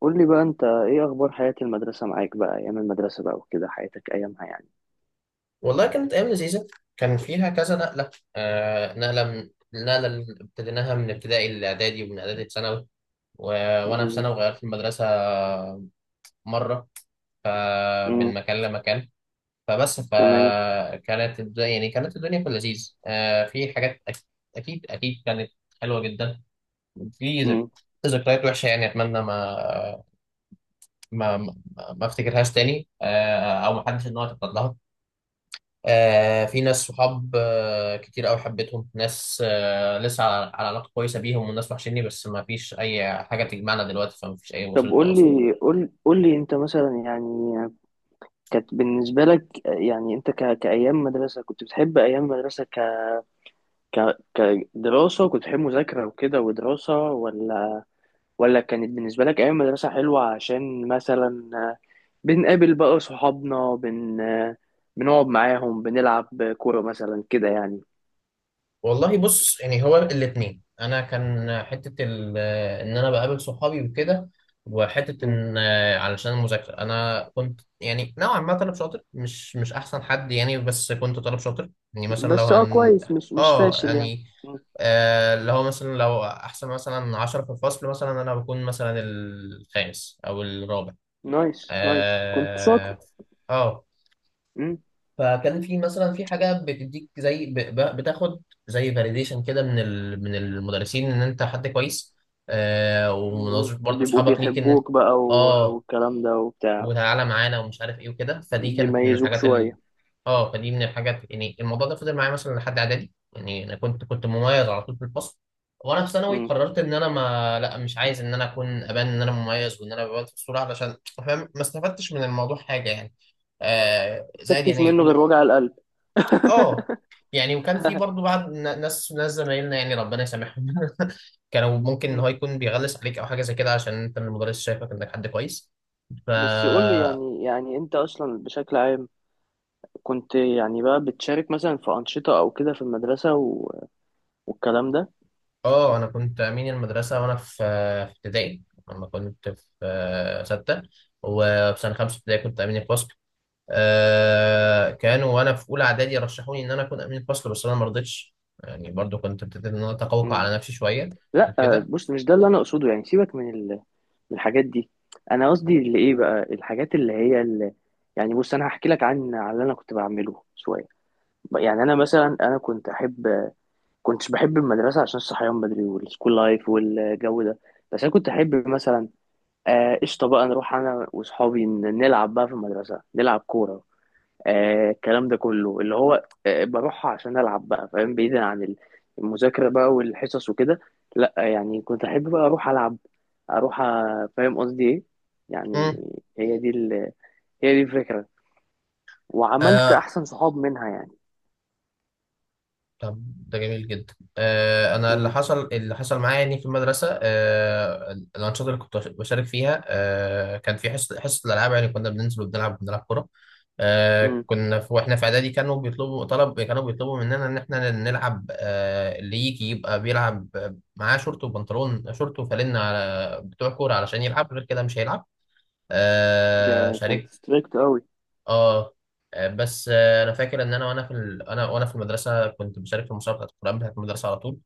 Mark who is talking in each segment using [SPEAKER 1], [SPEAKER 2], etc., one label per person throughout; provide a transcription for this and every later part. [SPEAKER 1] قول لي بقى انت ايه اخبار حياة المدرسة معاك بقى، ايام المدرسة بقى وكده حياتك ايامها يعني؟
[SPEAKER 2] والله كانت أيام لذيذة. كان فيها كذا نقلة، نقلة من النقلة اللي ابتديناها من ابتدائي لإعدادي، ومن إعدادي لثانوي. و... وأنا في ثانوي
[SPEAKER 1] بز-
[SPEAKER 2] غيرت المدرسة مرة، ف... من
[SPEAKER 1] امم
[SPEAKER 2] مكان لمكان. فبس
[SPEAKER 1] تمام.
[SPEAKER 2] فكانت الدنيا، يعني كانت الدنيا في اللذيذ، في أكيد أكيد كانت حلوة جدا. في
[SPEAKER 1] امم
[SPEAKER 2] ذكريات وحشة يعني، أتمنى ما ما, ما أفتكرهاش تاني. أو ما حدش إن هو يتعرض لها. في ناس صحاب، كتير قوي حبيتهم. ناس لسه على علاقة كويسة بيهم، وناس وحشني بس ما فيش أي حاجة تجمعنا دلوقتي، فما فيش أي
[SPEAKER 1] طب
[SPEAKER 2] وسيلة
[SPEAKER 1] قول
[SPEAKER 2] تواصل.
[SPEAKER 1] لي، قول لي انت مثلا يعني، كانت بالنسبة لك يعني انت كايام مدرسة كنت بتحب ايام مدرسة ك... كدراسة؟ كنت بتحب مذاكرة وكده ودراسة؟ ولا كانت بالنسبة لك ايام مدرسة حلوة عشان مثلا بنقابل بقى صحابنا، بنقعد معاهم بنلعب كورة مثلا كده يعني؟
[SPEAKER 2] والله بص، يعني هو الاثنين. انا كان ان انا بقابل صحابي وكده، وحته
[SPEAKER 1] مم.
[SPEAKER 2] ان علشان المذاكره. انا كنت يعني نوعا ما طالب شاطر، مش احسن حد يعني، بس كنت طالب شاطر. يعني مثلا لو
[SPEAKER 1] بس اه
[SPEAKER 2] هن
[SPEAKER 1] كويس، مش
[SPEAKER 2] اه
[SPEAKER 1] فاشل يعني.
[SPEAKER 2] يعني
[SPEAKER 1] مم.
[SPEAKER 2] اللي هو مثلا لو احسن مثلا عشرة في الفصل مثلا، انا بكون مثلا الخامس او الرابع.
[SPEAKER 1] نايس، نايس، كنت شاطر.
[SPEAKER 2] اه, آه.
[SPEAKER 1] مم.
[SPEAKER 2] فكان في مثلا في حاجه بتديك زي بتاخد زي فاليديشن كده من المدرسين ان انت حد كويس.
[SPEAKER 1] مم.
[SPEAKER 2] ومناظرة برضه
[SPEAKER 1] بيبقوا
[SPEAKER 2] اصحابك ليك ان انت
[SPEAKER 1] بيحبوك بقى،
[SPEAKER 2] اه
[SPEAKER 1] والكلام ده وبتاع.
[SPEAKER 2] وتعالى معانا ومش عارف ايه وكده، فدي كانت من
[SPEAKER 1] بيميزوك
[SPEAKER 2] الحاجات ال...
[SPEAKER 1] شوية.
[SPEAKER 2] اه فدي من الحاجات، يعني الموضوع ده فضل معايا مثلا لحد اعدادي. يعني انا كنت مميز على طول في الفصل. وانا في ثانوي
[SPEAKER 1] مم.
[SPEAKER 2] قررت ان انا ما لا مش عايز ان انا اكون ابان ان انا مميز وان انا ببان في الصوره، علشان فاهم ما استفدتش من الموضوع حاجه يعني، زائد
[SPEAKER 1] مكتش منه
[SPEAKER 2] يعني.
[SPEAKER 1] غير وجع القلب.
[SPEAKER 2] اه وكان في برضو بعض ناس زمايلنا، يعني ربنا يسامحهم كانوا ممكن ان
[SPEAKER 1] مم.
[SPEAKER 2] هو يكون بيغلس عليك او حاجه زي كده عشان انت من المدرس شايفك انك حد كويس. ف
[SPEAKER 1] بس قول لي، يعني انت اصلا بشكل عام كنت يعني بقى بتشارك مثلا في أنشطة او كده في المدرسة والكلام
[SPEAKER 2] اه انا كنت امين المدرسه وانا في في ابتدائي، لما كنت في سته، وفي سنه خمسه ابتدائي كنت امين الفصل. كانوا وانا في اولى اعدادي رشحوني ان انا اكون امين الفصل بس انا ما رضيتش. يعني برضو كنت ابتديت ان انا اتقوقع
[SPEAKER 1] ده.
[SPEAKER 2] على نفسي شويه،
[SPEAKER 1] لا آه،
[SPEAKER 2] كده.
[SPEAKER 1] بص، مش ده اللي انا اقصده يعني. سيبك من الحاجات دي. انا قصدي اللي ايه بقى الحاجات اللي هي اللي، يعني بص، انا هحكي لك عن اللي انا كنت بعمله شويه. يعني انا مثلا، انا كنت احب، كنتش بحب المدرسه عشان الصحيان بدري والسكول لايف والجو ده. بس انا كنت احب مثلا، آه، قشطه بقى نروح انا واصحابي، نلعب بقى في المدرسه، نلعب كوره. آه، الكلام ده كله اللي هو آه بروحها عشان ألعب بقى، فاهم، بعيدا عن المذاكرة بقى والحصص وكده. لأ يعني كنت أحب بقى أروح ألعب، أروح فاهم قصدي إيه يعني. هي دي هي دي الفكرة، وعملت
[SPEAKER 2] مم.
[SPEAKER 1] أحسن صحاب منها يعني.
[SPEAKER 2] طب ده جميل جدا. انا اللي
[SPEAKER 1] مم.
[SPEAKER 2] حصل اللي حصل معايا يعني في المدرسه، الانشطه اللي كنت بشارك فيها، كان في حصه الالعاب. يعني كنا بننزل وبنلعب، كوره.
[SPEAKER 1] مم.
[SPEAKER 2] كنا في واحنا في اعدادي كانوا بيطلبوا طلب، كانوا بيطلبوا مننا ان احنا نلعب، اللي يجي يبقى بيلعب معاه شورت وبنطلون، شورت وفانلة على بتوع كوره، علشان يلعب غير كده مش هيلعب.
[SPEAKER 1] ده كان
[SPEAKER 2] شاركت.
[SPEAKER 1] ستريكت قوي.
[SPEAKER 2] اه بس انا فاكر ان انا وانا في المدرسه كنت بشارك في المسابقه بتاعت القران بتاعت المدرسه على طول.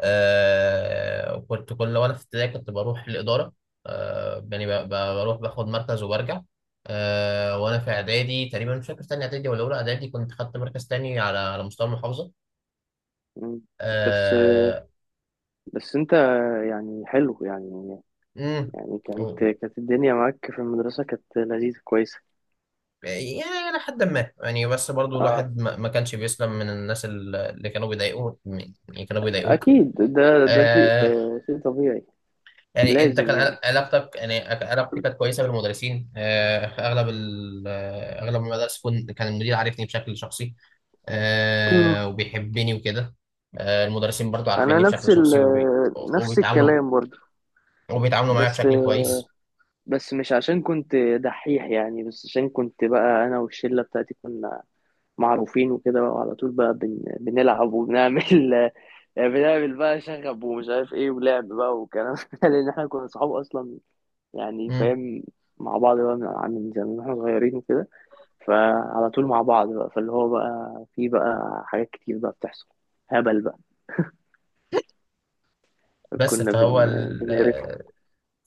[SPEAKER 2] وكنت كل وانا في ابتدائي كنت بروح الاداره، يعني بروح باخد مركز وبرجع. وانا في اعدادي تقريبا، مش فاكر تاني اعدادي ولا اولى اعدادي، كنت خدت مركز تاني على مستوى المحافظه.
[SPEAKER 1] مم. بس
[SPEAKER 2] آه
[SPEAKER 1] بس انت يعني، حلو يعني.
[SPEAKER 2] امم
[SPEAKER 1] يعني
[SPEAKER 2] و-
[SPEAKER 1] كانت
[SPEAKER 2] و-
[SPEAKER 1] كانت الدنيا معاك في المدرسة كانت لذيذة كويسة.
[SPEAKER 2] يعني الى حد ما يعني، بس برضو
[SPEAKER 1] اه،
[SPEAKER 2] الواحد ما كانش بيسلم من الناس اللي كانوا بيضايقوه، يعني كانوا بيضايقوك.
[SPEAKER 1] اكيد، ده شيء،
[SPEAKER 2] آه،
[SPEAKER 1] آه، شيء طبيعي.
[SPEAKER 2] يعني انت كان
[SPEAKER 1] لازم يعني.
[SPEAKER 2] علاقتك، يعني كان علاقتي كانت كويسه بالمدرسين. آه، اغلب ال- آه، اغلب المدارس كان المدير عارفني بشكل شخصي،
[SPEAKER 1] اه،
[SPEAKER 2] وبيحبني وكده. المدرسين برضو
[SPEAKER 1] انا
[SPEAKER 2] عارفيني
[SPEAKER 1] نفس
[SPEAKER 2] بشكل شخصي،
[SPEAKER 1] نفس
[SPEAKER 2] وبيتعاملوا
[SPEAKER 1] الكلام برضه.
[SPEAKER 2] وبيتعاملوا معايا
[SPEAKER 1] بس
[SPEAKER 2] بشكل كويس.
[SPEAKER 1] بس مش عشان كنت دحيح يعني، بس عشان كنت بقى انا والشله بتاعتي كنا معروفين وكده بقى، وعلى طول بقى بنلعب وبنعمل، بنعمل بقى شغب ومش عارف ايه ولعب بقى وكلام، ده لان احنا كنا صحاب اصلا، يعني
[SPEAKER 2] مم.
[SPEAKER 1] فاهم. مع بعض بقى من زمان واحنا صغيرين وكده، فعلى طول مع بعض بقى، فاللي هو بقى في بقى حاجات كتير بقى بتحصل، هبل بقى.
[SPEAKER 2] بس
[SPEAKER 1] كنا
[SPEAKER 2] فهو
[SPEAKER 1] بنقرفه.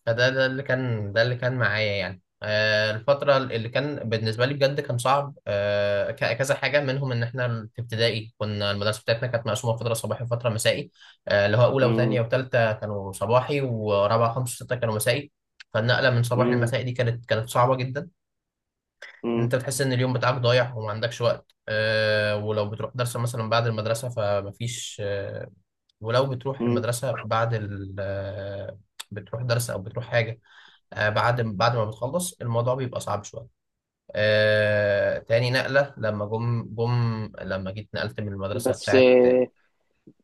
[SPEAKER 2] فده اللي كان، ده اللي كان معايا يعني. الفترة اللي كان بالنسبة لي بجد كان صعب، كذا حاجة منهم. إن إحنا في ابتدائي كنا المدرسة بتاعتنا كانت مقسومة فترة صباحي وفترة مسائي، اللي هو أولى وتانية
[SPEAKER 1] مم.
[SPEAKER 2] وتالتة كانوا صباحي، ورابعة خمسة وستة كانوا مسائي. فالنقلة من صباحي
[SPEAKER 1] مم.
[SPEAKER 2] لمسائي دي كانت صعبة جدا. إن
[SPEAKER 1] مم.
[SPEAKER 2] أنت بتحس إن اليوم بتاعك ضايع وما عندكش وقت، ولو بتروح درس مثلا بعد المدرسة فمفيش، آه، ولو بتروح
[SPEAKER 1] مم.
[SPEAKER 2] المدرسة بعد ال آه، بتروح درس أو بتروح حاجة، بعد ما بتخلص الموضوع بيبقى صعب شويه. تاني نقله، لما جم جم لما جيت نقلت من المدرسه
[SPEAKER 1] بس
[SPEAKER 2] بتاعت.
[SPEAKER 1] آه،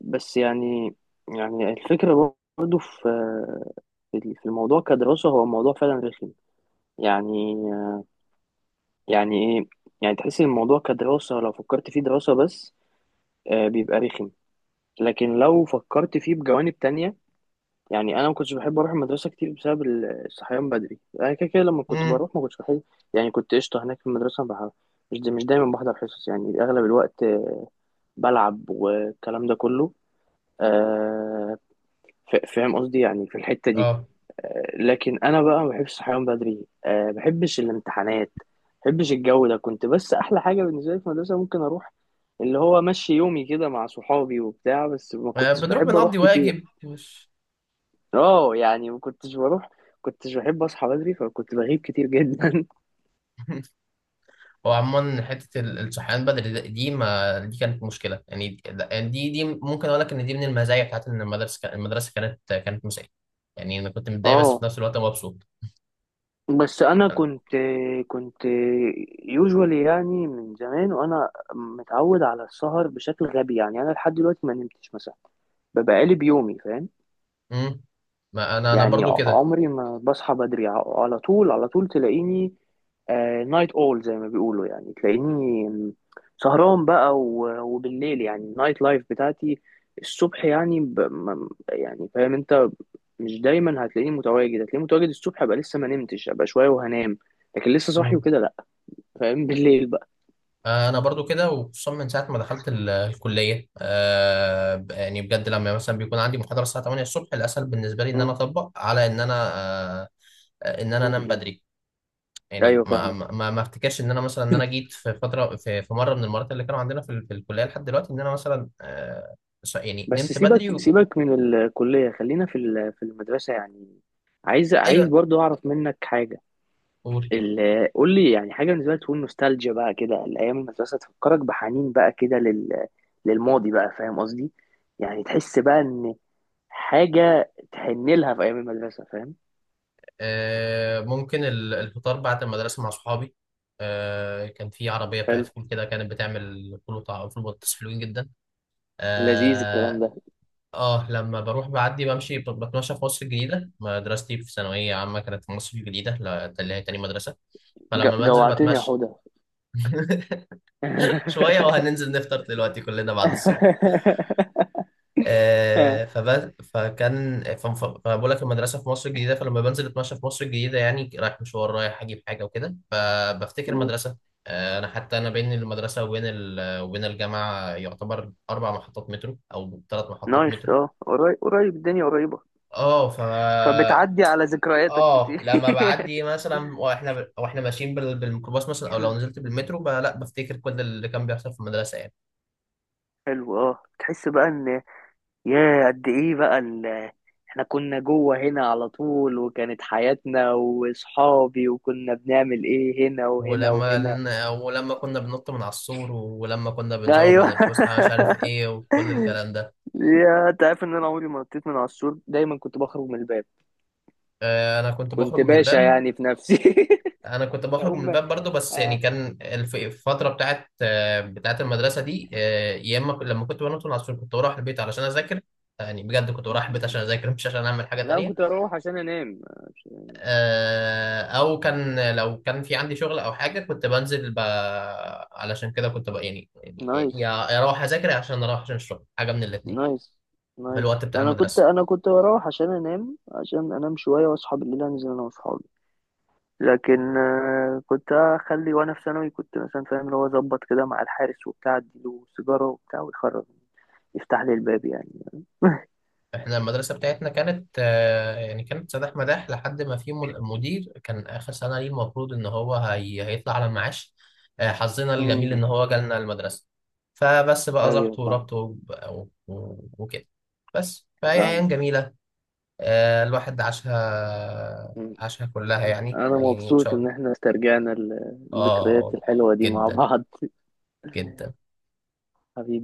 [SPEAKER 1] بس يعني، يعني الفكرة برضه في في الموضوع كدراسة، هو موضوع فعلا رخم يعني. يعني ايه، يعني تحس إن الموضوع كدراسة لو فكرت فيه دراسة بس، آه، بيبقى رخم. لكن لو فكرت فيه بجوانب تانية، يعني انا ما كنتش بحب اروح المدرسة كتير بسبب الصحيان بدري. انا كده كده لما كنت
[SPEAKER 2] امم
[SPEAKER 1] بروح ما كنتش بحب. يعني كنت قشطة هناك في المدرسة، مش دايما بحضر حصص يعني، اغلب الوقت، آه، بلعب والكلام ده كله، آه، فاهم قصدي يعني، في الحتة دي.
[SPEAKER 2] اه
[SPEAKER 1] آه، لكن أنا بقى ما بحبش الصحيان بدري، آه، ما بحبش الامتحانات، ما بحبش الجو ده. كنت بس، أحلى حاجة بالنسبة لي في المدرسة ممكن أروح، اللي هو مشي يومي كده مع صحابي وبتاع، بس ما كنتش
[SPEAKER 2] بنروح
[SPEAKER 1] بحب
[SPEAKER 2] بنقضي
[SPEAKER 1] أروح كتير.
[SPEAKER 2] واجب مش
[SPEAKER 1] اه يعني ما كنتش بروح، كنتش بحب أصحى بدري، فكنت بغيب كتير جدا.
[SPEAKER 2] هو عموما الصحيان بدري دي، ما دي كانت مشكله يعني، دي يعني دي ممكن اقول لك ان دي من المزايا بتاعت ان المدرسه المدرسه كانت مسائيه. يعني انا كنت متضايق بس في
[SPEAKER 1] اه،
[SPEAKER 2] نفس الوقت مبسوط.
[SPEAKER 1] بس أنا كنت، كنت يوجوالي يعني، من زمان وأنا متعود على السهر بشكل غبي. يعني أنا لحد دلوقتي ما نمتش مثلا، ببقى قالب يومي، فاهم.
[SPEAKER 2] امم ما انا
[SPEAKER 1] يعني
[SPEAKER 2] برضو
[SPEAKER 1] عمري ما بصحى بدري، على طول، على طول تلاقيني نايت اول زي ما بيقولوا، يعني تلاقيني سهران بقى، وبالليل، يعني النايت لايف بتاعتي الصبح يعني، يعني فاهم انت، مش دايما هتلاقيني متواجد، هتلاقيني متواجد الصبح ابقى لسه ما نمتش، ابقى شويه وهنام، لكن لسه صاحي
[SPEAKER 2] كده.
[SPEAKER 1] وكده لا. فاهم، بالليل بقى.
[SPEAKER 2] انا برضو كده، وخصوصا من ساعه ما دخلت الكليه. يعني بجد لما مثلا بيكون عندي محاضره الساعه 8 الصبح، الاسهل بالنسبه لي ان انا
[SPEAKER 1] م-
[SPEAKER 2] اطبق على ان انا آه، ان انا
[SPEAKER 1] م-
[SPEAKER 2] انام
[SPEAKER 1] م.
[SPEAKER 2] بدري. يعني
[SPEAKER 1] ايوه
[SPEAKER 2] ما
[SPEAKER 1] فاهمك.
[SPEAKER 2] ما ما ما افتكرش ان انا مثلا ان انا جيت في فتره في في مره من المرات اللي كانوا عندنا في الكليه لحد دلوقتي ان انا مثلا، يعني
[SPEAKER 1] بس
[SPEAKER 2] نمت
[SPEAKER 1] سيبك،
[SPEAKER 2] بدري
[SPEAKER 1] سيبك من الكلية، خلينا في في المدرسة يعني. عايز، عايز
[SPEAKER 2] ايوه
[SPEAKER 1] برضو أعرف منك حاجة.
[SPEAKER 2] قول.
[SPEAKER 1] قول لي يعني حاجة بالنسبة لك تكون نوستالجيا بقى كده، الأيام المدرسة تفكرك بحنين بقى كده للماضي بقى، فاهم قصدي؟ يعني تحس بقى إن حاجة تحن لها في أيام المدرسة، فاهم.
[SPEAKER 2] ممكن الفطار بعد المدرسه مع صحابي. كان في عربيه بتاعت
[SPEAKER 1] حلو.
[SPEAKER 2] فول كده، كانت بتعمل فول فول بطاطس حلوين جدا.
[SPEAKER 1] لذيذ الكلام
[SPEAKER 2] آه،
[SPEAKER 1] ده.
[SPEAKER 2] اه لما بروح بعدي بمشي بتمشى في مصر الجديدة. مدرستي في ثانوية عامة كانت في مصر الجديدة، ده اللي هي تاني مدرسة. فلما بنزل
[SPEAKER 1] جوعتني يا
[SPEAKER 2] بتمشى
[SPEAKER 1] حوده.
[SPEAKER 2] شوية وهننزل نفطر دلوقتي كلنا بعد الصلاة. آه فب... فكان ف- ف- فبقول لك المدرسة في مصر الجديدة، فلما بنزل اتمشى في مصر الجديدة يعني رايح مشوار، رايح أجيب حاجة وكده، فبفتكر
[SPEAKER 1] مم.
[SPEAKER 2] مدرسة. أنا حتى أنا بين المدرسة وبين الجامعة يعتبر أربع محطات مترو أو ثلاث محطات
[SPEAKER 1] نايس،
[SPEAKER 2] مترو.
[SPEAKER 1] اه، قريب، قريب، الدنيا قريبة.
[SPEAKER 2] اه ف
[SPEAKER 1] فبتعدي على ذكرياتك
[SPEAKER 2] اه
[SPEAKER 1] كتير.
[SPEAKER 2] لما بعدي مثلا واحنا ماشيين بالميكروباص مثلا، او لو نزلت بالمترو بقى، لا بفتكر كل اللي كان بيحصل في المدرسه يعني.
[SPEAKER 1] حلو، اه، تحس بقى ان، يا قد ايه بقى احنا كنا جوه هنا على طول، وكانت حياتنا واصحابي، وكنا بنعمل ايه هنا وهنا
[SPEAKER 2] ولما
[SPEAKER 1] وهنا.
[SPEAKER 2] ولما كنا بننط من على السور، ولما كنا بنزوغ من
[SPEAKER 1] ايوه.
[SPEAKER 2] الفسحه، مش عارف ايه وكل الكلام ده.
[SPEAKER 1] يا، انت عارف ان انا عمري ما نطيت من على السور، دايما كنت بخرج من الباب.
[SPEAKER 2] انا كنت بخرج
[SPEAKER 1] كنت
[SPEAKER 2] من
[SPEAKER 1] باشا
[SPEAKER 2] الباب.
[SPEAKER 1] يعني في نفسي.
[SPEAKER 2] انا كنت
[SPEAKER 1] كنت
[SPEAKER 2] بخرج من
[SPEAKER 1] اقوم،
[SPEAKER 2] الباب برضو، بس يعني
[SPEAKER 1] آه.
[SPEAKER 2] كان الفتره بتاعت، بتاعت المدرسه دي، يا اما لما كنت بنط من على السور كنت بروح البيت علشان اذاكر. يعني بجد كنت بروح البيت عشان اذاكر مش عشان اعمل حاجه
[SPEAKER 1] لا، انا
[SPEAKER 2] تانية.
[SPEAKER 1] كنت اروح عشان انام.
[SPEAKER 2] او كان لو كان في عندي شغل او حاجه كنت بنزل علشان كده كنت يعني يعني يا
[SPEAKER 1] نايس،
[SPEAKER 2] يا اروح اذاكر، يا عشان اروح عشان الشغل، حاجه من الاثنين،
[SPEAKER 1] نايس،
[SPEAKER 2] في
[SPEAKER 1] نايس.
[SPEAKER 2] الوقت بتاع
[SPEAKER 1] انا كنت
[SPEAKER 2] المدرسه.
[SPEAKER 1] انا كنت بروح عشان انام، عشان انام شويه واصحى بالليل انزل انا واصحابي. لكن آه، كنت اخلي وانا في ثانوي، كنت مثلا فاهم، اللي هو اظبط كده مع الحارس وبتاع، اديله سيجاره وبتاع ويخرج، يفتح لي الباب يعني.
[SPEAKER 2] احنا المدرسه بتاعتنا كانت، يعني كانت سداح مداح، لحد ما في مدير كان اخر سنه ليه، المفروض ان هو هيطلع على المعاش. حظنا الجميل
[SPEAKER 1] امم
[SPEAKER 2] ان هو جالنا المدرسه. بقى
[SPEAKER 1] ايوه،
[SPEAKER 2] ظبط
[SPEAKER 1] فاهم،
[SPEAKER 2] وربط وكده. بس فهي
[SPEAKER 1] فاهم.
[SPEAKER 2] ايام جميله. الواحد عاشها
[SPEAKER 1] مم.
[SPEAKER 2] عاشها كلها يعني،
[SPEAKER 1] انا
[SPEAKER 2] يعني ان شاء
[SPEAKER 1] مبسوط
[SPEAKER 2] الله.
[SPEAKER 1] ان احنا استرجعنا الذكريات
[SPEAKER 2] اه،
[SPEAKER 1] الحلوة دي مع
[SPEAKER 2] جدا
[SPEAKER 1] بعض.
[SPEAKER 2] جدا.
[SPEAKER 1] حبيبي.